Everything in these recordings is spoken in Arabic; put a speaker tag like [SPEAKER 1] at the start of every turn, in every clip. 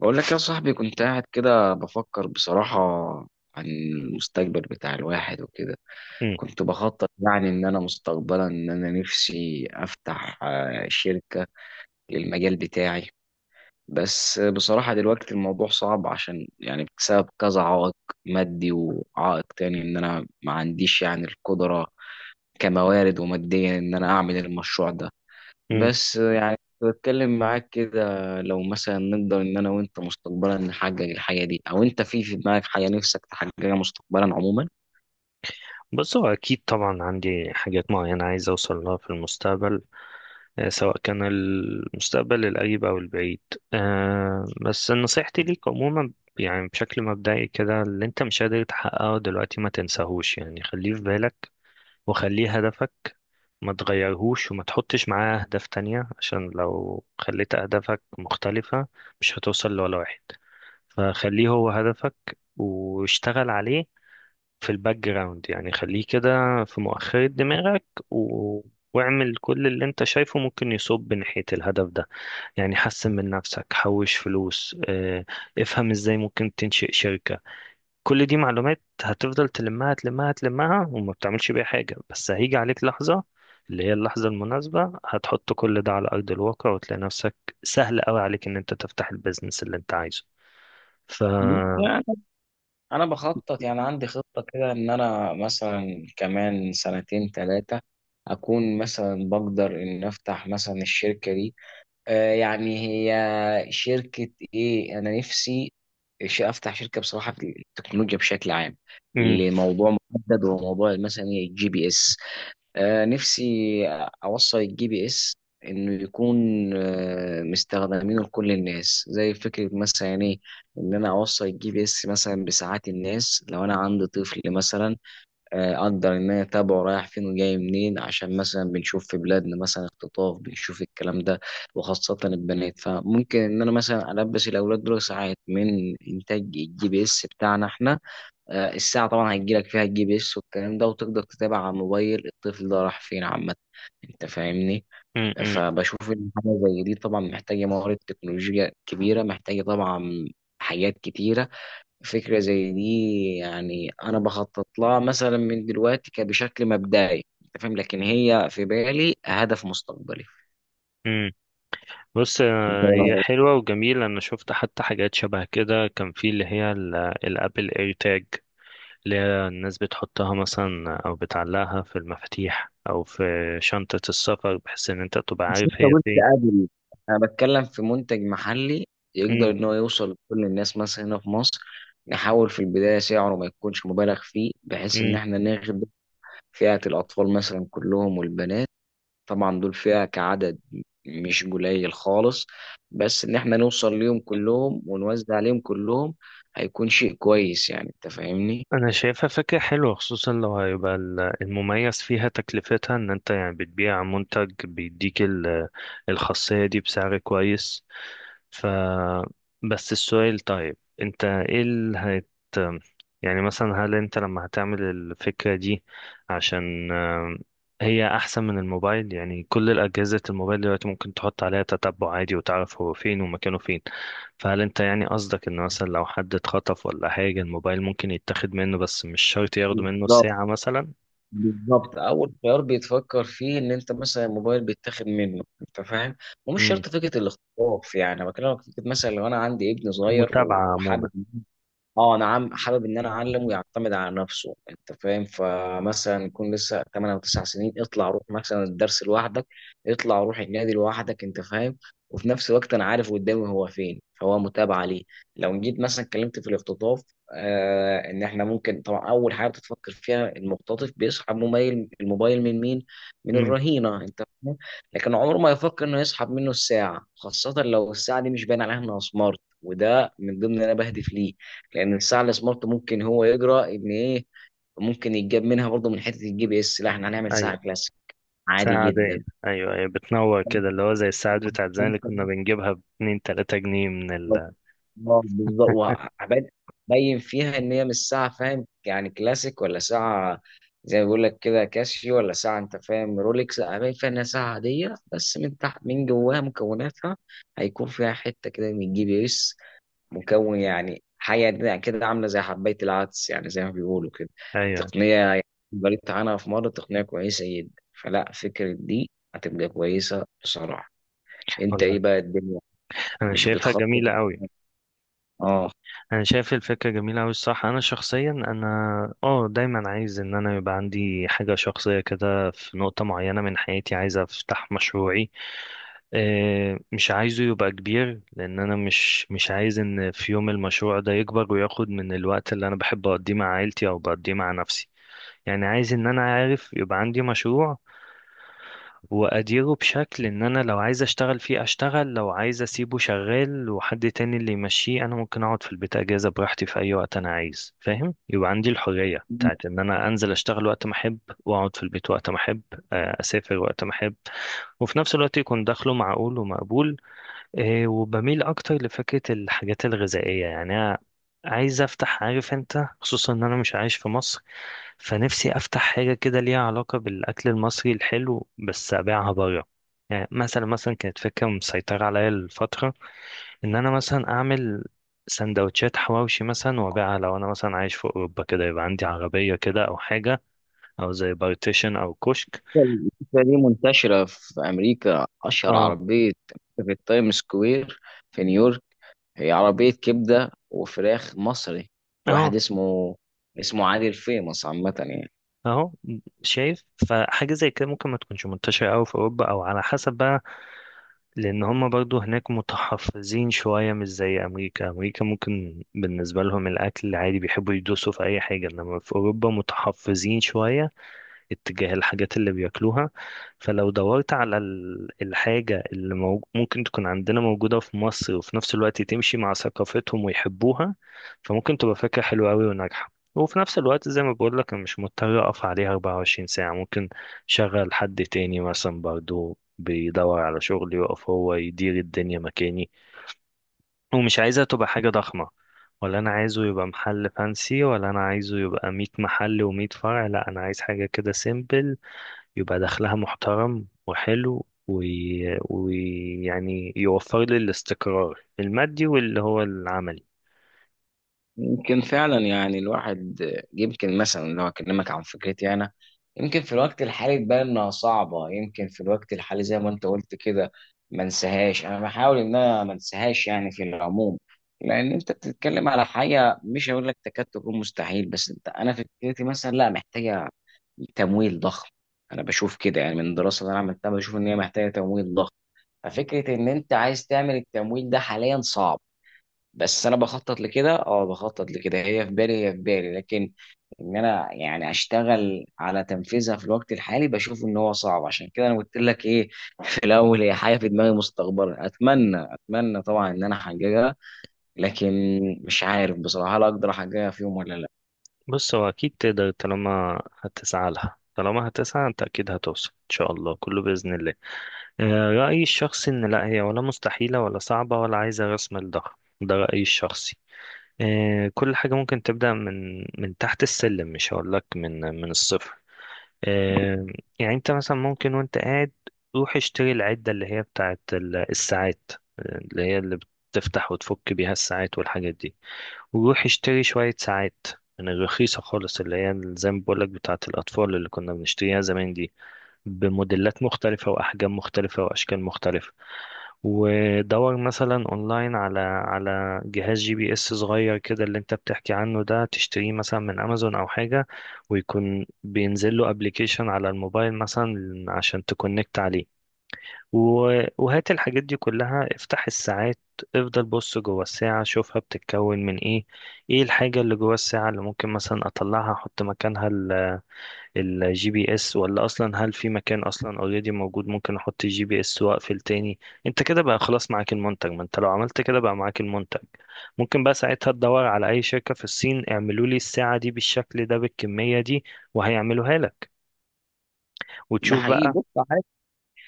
[SPEAKER 1] بقول لك يا صاحبي، كنت قاعد كده بفكر بصراحة عن المستقبل بتاع الواحد وكده.
[SPEAKER 2] مم.
[SPEAKER 1] كنت بخطط يعني إن أنا مستقبلا إن أنا نفسي أفتح شركة للمجال بتاعي. بس بصراحة دلوقتي الموضوع صعب عشان يعني بسبب كذا عائق مادي، وعائق تاني إن أنا ما عنديش يعني القدرة كموارد وماديا إن أنا أعمل المشروع ده.
[SPEAKER 2] مم.
[SPEAKER 1] بس يعني كنت بتكلم معاك كده لو مثلا نقدر ان انا وانت مستقبلا نحقق الحاجه دي، او انت في دماغك حاجه نفسك تحققها مستقبلا عموما.
[SPEAKER 2] بس هو أكيد طبعا عندي حاجات معينة عايز أوصل لها في المستقبل، سواء كان المستقبل القريب أو البعيد. بس نصيحتي ليك عموما، يعني بشكل مبدئي كده اللي أنت مش قادر تحققه دلوقتي ما تنساهوش، يعني خليه في بالك وخليه هدفك. ما تغيرهوش وما تحطش معاه أهداف تانية، عشان لو خليت أهدافك مختلفة مش هتوصل لولا واحد. فخليه هو هدفك واشتغل عليه في الباك جراوند، يعني خليه كده في مؤخرة دماغك و... واعمل كل اللي انت شايفه ممكن يصب ناحية الهدف ده. يعني حسن من نفسك، حوش فلوس، افهم ازاي ممكن تنشئ شركة. كل دي معلومات هتفضل تلمها تلمها تلمها وما بتعملش بيها حاجة، بس هيجي عليك لحظة اللي هي اللحظة المناسبة هتحط كل ده على أرض الواقع وتلاقي نفسك سهل قوي عليك ان انت تفتح البيزنس اللي انت عايزه. ف
[SPEAKER 1] بص، يعني انا بخطط، يعني عندي خطه كده ان انا مثلا كمان سنتين ثلاثه اكون مثلا بقدر ان افتح مثلا الشركه دي. آه يعني هي شركه ايه انا نفسي افتح شركه بصراحه في التكنولوجيا بشكل عام،
[SPEAKER 2] مم،
[SPEAKER 1] لموضوع محدد وموضوع مثلا الجي بي اس. نفسي أوصل الجي بي إس إنه يكون مستخدمينه لكل الناس، زي فكرة مثلا إيه إن أنا أوصل الجي بي إس مثلا بساعات الناس. لو أنا عندي طفل مثلا، أقدر إن أنا أتابعه رايح فين وجاي منين، عشان مثلا بنشوف في بلادنا مثلا اختطاف، بنشوف الكلام ده، وخاصة البنات. فممكن إن أنا مثلا ألبس الأولاد دول ساعات من إنتاج الجي بي إس بتاعنا إحنا. الساعة طبعا هتجيلك فيها الجي بي اس والكلام ده، وتقدر تتابع على الموبايل الطفل ده راح فين عامة. انت فاهمني؟
[SPEAKER 2] مم، مم،
[SPEAKER 1] فبشوف ان حاجة زي دي طبعا محتاجة موارد تكنولوجيا كبيرة، محتاجة طبعا حاجات كتيرة. فكرة زي دي يعني انا بخطط لها مثلا من دلوقتي كبشكل مبدئي، انت فاهم، لكن هي في بالي هدف مستقبلي.
[SPEAKER 2] مم. بص، هي
[SPEAKER 1] انت
[SPEAKER 2] حلوة وجميلة. أنا شفت حتى حاجات شبه كده، كان في اللي هي الأبل إير تاج، اللي هي الناس بتحطها مثلا أو بتعلقها في المفاتيح أو في شنطة السفر، بحيث إن أنت تبقى
[SPEAKER 1] مش
[SPEAKER 2] عارف
[SPEAKER 1] لسه
[SPEAKER 2] هي
[SPEAKER 1] قلت
[SPEAKER 2] فين.
[SPEAKER 1] قبل؟ انا بتكلم في منتج محلي يقدر ان هو يوصل لكل الناس مثلا هنا في مصر. نحاول في البدايه سعره ما يكونش مبالغ فيه بحيث ان
[SPEAKER 2] مم.
[SPEAKER 1] احنا ناخد فئه الاطفال مثلا كلهم والبنات. طبعا دول فئه كعدد مش قليل خالص. بس ان احنا نوصل ليهم كلهم ونوزع عليهم كلهم هيكون شيء كويس، يعني انت فاهمني.
[SPEAKER 2] انا شايفها فكرة حلوة، خصوصا لو هيبقى المميز فيها تكلفتها، ان انت يعني بتبيع منتج بيديك الخاصية دي بسعر كويس. ف بس السؤال، طيب انت ايه اللي هت يعني مثلا هل انت لما هتعمل الفكرة دي، عشان هي احسن من الموبايل؟ يعني كل الاجهزة الموبايل دلوقتي ممكن تحط عليها تتبع عادي وتعرف هو فين ومكانه فين. فهل انت يعني قصدك ان مثلا لو حد اتخطف ولا حاجة، الموبايل ممكن يتاخد منه، بس مش شرط ياخدوا منه
[SPEAKER 1] بالظبط.
[SPEAKER 2] ساعة مثلا؟
[SPEAKER 1] بالظبط، اول خيار بيتفكر فيه ان انت مثلا الموبايل بيتاخد منه، انت فاهم. ومش
[SPEAKER 2] امم
[SPEAKER 1] شرط فكره الاختطاف. يعني أنا بكلمك في فكره مثلا لو انا عندي ابن صغير
[SPEAKER 2] متابعة عموما.
[SPEAKER 1] وحابب، اه انا عم حابب ان انا اعلم ويعتمد على نفسه، انت فاهم. فمثلا يكون لسه 8 او 9 سنين، اطلع روح مثلا الدرس لوحدك، اطلع روح النادي لوحدك، انت فاهم. وفي نفس الوقت انا عارف قدامي هو فين، فهو متابع ليه. لو جيت مثلا اتكلمت في الاختطاف، آه ان احنا ممكن طبعا اول حاجه بتفكر فيها المختطف بيسحب الموبايل من مين؟ من
[SPEAKER 2] امم
[SPEAKER 1] الرهينه، انت فاهم. لكن عمره ما يفكر انه يسحب منه الساعه، خاصه لو الساعه دي مش باين عليها انها سمارت، وده من ضمن اللي انا بهدف ليه. لان الساعه السمارت ممكن هو يجرى ان ايه، ممكن يتجاب منها برضه من حته الجي بي اس. لا، احنا هنعمل ساعه
[SPEAKER 2] ايوه.
[SPEAKER 1] كلاسيك عادي
[SPEAKER 2] ساعة عادية.
[SPEAKER 1] جدا.
[SPEAKER 2] ايوه، ايوه بتنور كده، اللي هو زي الساعات بتاعت زمان اللي كنا بنجيبها باتنين تلاتة جنيه من
[SPEAKER 1] بالظبط. هبين فيها ان هي مش ساعه، فاهم يعني، كلاسيك، ولا ساعه زي ما بيقول لك كده كاسيو، ولا ساعه انت فاهم رولكس. لا، هبين فيها انها ساعه عاديه، بس من تحت من جواها مكوناتها هيكون فيها حته كده من الجي بي اس، مكون يعني حاجة كده عاملة زي حباية العدس، يعني زي ما بيقولوا كده.
[SPEAKER 2] ايوه.
[SPEAKER 1] تقنية يعني قريت عنها في مرة، تقنية كويسة جدا. فلا فكرة دي هتبقى كويسة بصراحة. انت
[SPEAKER 2] والله
[SPEAKER 1] ايه بقى الدنيا،
[SPEAKER 2] انا
[SPEAKER 1] مش
[SPEAKER 2] شايفها جميلة
[SPEAKER 1] بتخطط؟
[SPEAKER 2] قوي.
[SPEAKER 1] اه.
[SPEAKER 2] انا شايف الفكره جميله قوي الصح. انا شخصيا انا اه دايما عايز ان انا يبقى عندي حاجه شخصيه كده. في نقطه معينه من حياتي عايز افتح مشروعي، مش عايزه يبقى كبير، لان انا مش عايز ان في يوم المشروع ده يكبر وياخد من الوقت اللي انا بحب اقضيه مع عيلتي او بقضيه مع نفسي. يعني عايز ان انا عارف يبقى عندي مشروع واديره بشكل ان انا لو عايز اشتغل فيه اشتغل، لو عايز اسيبه شغال وحد تاني اللي يمشيه، انا ممكن اقعد في البيت اجازة براحتي في اي وقت انا عايز. فاهم؟ يبقى عندي الحرية بتاعت ان انا انزل اشتغل وقت ما احب، واقعد في البيت وقت ما احب، اسافر وقت ما احب، وفي نفس الوقت يكون دخله معقول ومقبول. وبميل اكتر لفكره الحاجات الغذائيه. يعني انا عايز افتح، عارف انت، خصوصا ان انا مش عايش في مصر، فنفسي افتح حاجه كده ليها علاقه بالاكل المصري الحلو بس ابيعها بره. يعني مثلا، كانت فكره مسيطره عليا الفتره ان انا مثلا اعمل سندوتشات حواوشي مثلا وابيعها، لو انا مثلا عايش في اوروبا كده يبقى عندي عربيه كده او حاجه، او زي بارتيشن او كشك.
[SPEAKER 1] الفكرة دي منتشرة في أمريكا، أشهر
[SPEAKER 2] اه.
[SPEAKER 1] عربية في التايم سكوير في نيويورك، هي عربية كبدة وفراخ مصري
[SPEAKER 2] اه.
[SPEAKER 1] لواحد اسمه، اسمه عادل، فيمس عامة يعني.
[SPEAKER 2] اهو. شايف. فحاجة زي كده ممكن ما تكونش منتشرة أوي في أوروبا، أو على حسب بقى، لأن هما برضو هناك متحفظين شوية، مش زي أمريكا. أمريكا ممكن بالنسبة لهم الأكل عادي، بيحبوا يدوسوا في أي حاجة، إنما في أوروبا متحفظين شوية اتجاه الحاجات اللي بياكلوها. فلو دورت على الحاجة اللي ممكن تكون عندنا موجودة في مصر وفي نفس الوقت تمشي مع ثقافتهم ويحبوها، فممكن تبقى فكرة حلوة أوي وناجحة. وفي نفس الوقت، زي ما بقول لك، أنا مش مضطر أقف عليها 24 ساعة، ممكن شغل حد تاني مثلا برضو بيدور على شغل يقف هو يدير الدنيا مكاني. ومش عايزها تبقى حاجة ضخمة، ولا انا عايزه يبقى محل فانسي، ولا انا عايزه يبقى 100 محل و100 فرع. لا، انا عايز حاجه كده سيمبل، يبقى دخلها محترم وحلو ويعني يوفر لي الاستقرار المادي واللي هو العملي.
[SPEAKER 1] يمكن فعلا يعني الواحد، يمكن مثلا لو اكلمك عن فكرتي انا، يمكن في الوقت الحالي تبان انها صعبه، يمكن في الوقت الحالي زي ما انت قلت كده ما انساهاش، انا بحاول ان انا ما انساهاش يعني في العموم. لان انت بتتكلم على حاجه مش هقول لك تكاد تكون مستحيل، بس انت انا فكرتي مثلا لا محتاجه تمويل ضخم. انا بشوف كده يعني من الدراسه اللي انا عملتها، بشوف ان هي محتاجه تمويل ضخم. ففكره ان انت عايز تعمل التمويل ده حاليا صعب. بس انا بخطط لكده، اه بخطط لكده، هي في بالي، هي في بالي لكن ان انا يعني اشتغل على تنفيذها في الوقت الحالي بشوف ان هو صعب. عشان كده انا قلت لك ايه، في الاول هي حاجه في دماغي مستقبلا، اتمنى، اتمنى طبعا ان انا احققها. لكن مش عارف بصراحه هل اقدر احققها في يوم ولا لا.
[SPEAKER 2] بص، هو أكيد تقدر. طالما هتسعى لها، طالما هتسعى أنت، أكيد هتوصل إن شاء الله، كله بإذن الله. رأيي الشخصي إن لا هي ولا مستحيلة ولا صعبة ولا عايزة رأس مال ضخم. ده رأيي الشخصي. كل حاجة ممكن تبدأ من من تحت السلم، مش هقولك من الصفر. آه، يعني انت مثلا، ممكن وانت قاعد روح اشتري العدة اللي هي بتاعت الساعات، اللي هي اللي بتفتح وتفك بيها الساعات والحاجات دي، وروح اشتري شوية ساعات من الرخيصة خالص، اللي هي زي ما بقولك بتاعت الأطفال اللي كنا بنشتريها زمان دي، بموديلات مختلفة وأحجام مختلفة وأشكال مختلفة، ودور مثلا اونلاين على جهاز جي بي اس صغير كده اللي انت بتحكي عنه ده، تشتريه مثلا من امازون او حاجة، ويكون بينزل له ابلكيشن على الموبايل مثلا عشان تكونكت عليه. وهات الحاجات دي كلها، افتح الساعات، افضل بص جوه الساعة، شوفها بتتكون من ايه، ايه الحاجة اللي جوه الساعة اللي ممكن مثلا اطلعها احط مكانها الجي بي اس، ولا اصلا هل في مكان اصلا اوريدي موجود ممكن احط الجي بي اس واقفل تاني. انت كده بقى خلاص معاك المنتج. ما انت لو عملت كده بقى معاك المنتج، ممكن بقى ساعتها تدور على اي شركة في الصين اعملوا لي الساعة دي بالشكل ده بالكمية دي، وهيعملوها لك
[SPEAKER 1] ده
[SPEAKER 2] وتشوف
[SPEAKER 1] حقيقي،
[SPEAKER 2] بقى.
[SPEAKER 1] بص،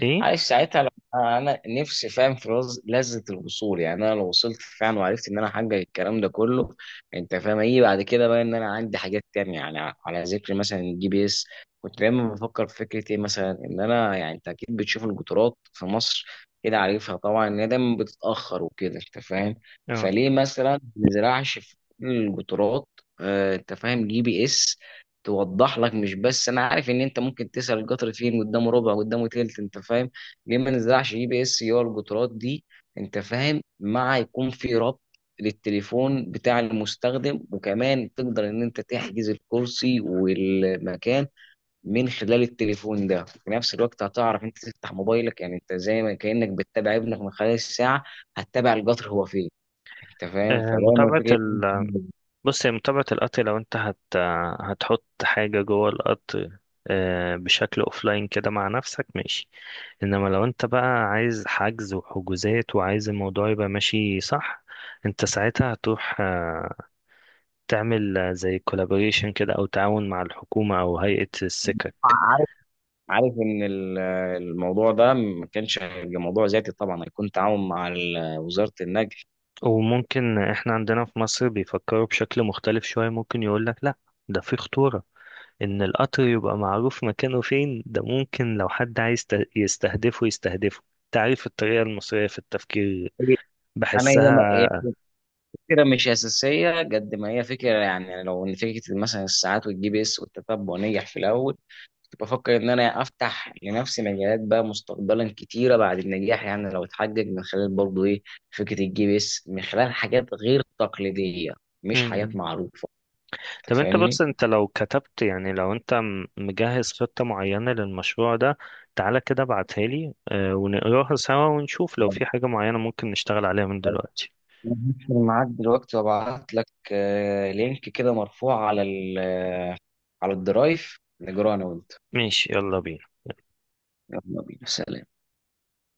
[SPEAKER 2] ايه.
[SPEAKER 1] عايش ساعتها. لو انا نفسي، فاهم، في لذة الوصول. يعني انا لو وصلت فعلا وعرفت ان انا احقق الكلام ده كله، انت فاهم ايه بعد كده بقى؟ ان انا عندي حاجات تانية يعني. على ذكر مثلا الجي بي اس، كنت دايما بفكر في فكرة ايه مثلا، ان انا يعني، انت اكيد بتشوف القطارات في مصر كده، عارفها طبعا ان هي دايما بتتأخر وكده، انت فاهم.
[SPEAKER 2] اه.
[SPEAKER 1] فليه مثلا ما نزرعش في كل القطارات انت فاهم جي بي اس توضح لك؟ مش بس انا عارف، ان انت ممكن تسأل القطر فين، قدامه ربع، قدامه تلت، انت فاهم. ليه ما نزرعش جي بي اس هي الجترات دي، انت فاهم، مع يكون في ربط للتليفون بتاع المستخدم، وكمان تقدر ان انت تحجز الكرسي والمكان من خلال التليفون ده. في نفس الوقت هتعرف، انت تفتح موبايلك يعني، انت زي ما كأنك بتتابع ابنك من خلال الساعة، هتتابع القطر هو فين، انت فاهم. فدايما
[SPEAKER 2] متابعة.
[SPEAKER 1] فكرة.
[SPEAKER 2] بص، هي متابعة القط، لو انت هتحط حاجة جوه القط بشكل اوفلاين كده مع نفسك، ماشي، انما لو انت بقى عايز حجز وحجوزات وعايز الموضوع يبقى ماشي صح، انت ساعتها هتروح تعمل زي كولابوريشن كده او تعاون مع الحكومة او هيئة السكك.
[SPEAKER 1] عارف، عارف ان الموضوع ده ما كانش هيبقى موضوع ذاتي، طبعا هيكون تعاون مع وزارة النقل.
[SPEAKER 2] وممكن احنا عندنا في مصر بيفكروا بشكل مختلف شوية، ممكن يقولك لا، ده في خطورة. ان القطر يبقى معروف مكانه فين، ده ممكن لو حد عايز يستهدفه يستهدفه. تعرف الطريقة المصرية في التفكير،
[SPEAKER 1] انا
[SPEAKER 2] بحسها.
[SPEAKER 1] فكرة مش أساسية قد ما هي فكرة، يعني لو إن فكرة مثلا الساعات والجي بي إس والتتبع نجح في الأول، كنت بفكر إن أنا أفتح لنفسي مجالات بقى مستقبلا كتيرة بعد النجاح، يعني لو اتحقق من خلال برضه إيه فكرة الجي بي إس من خلال حاجات غير تقليدية، مش حاجات
[SPEAKER 2] مم.
[SPEAKER 1] معروفة. أنت
[SPEAKER 2] طب انت
[SPEAKER 1] فاهمني؟
[SPEAKER 2] بص، انت لو كتبت، يعني لو انت مجهز خطة معينة للمشروع ده، تعالى كده ابعتها لي ونقراها سوا ونشوف لو في حاجة معينة ممكن نشتغل عليها من دلوقتي.
[SPEAKER 1] هقفل معاك دلوقتي وابعت لك لينك كده مرفوع على على الدرايف نجراه أنا وأنت.
[SPEAKER 2] ماشي، يلا بينا.
[SPEAKER 1] يلا بينا، سلام.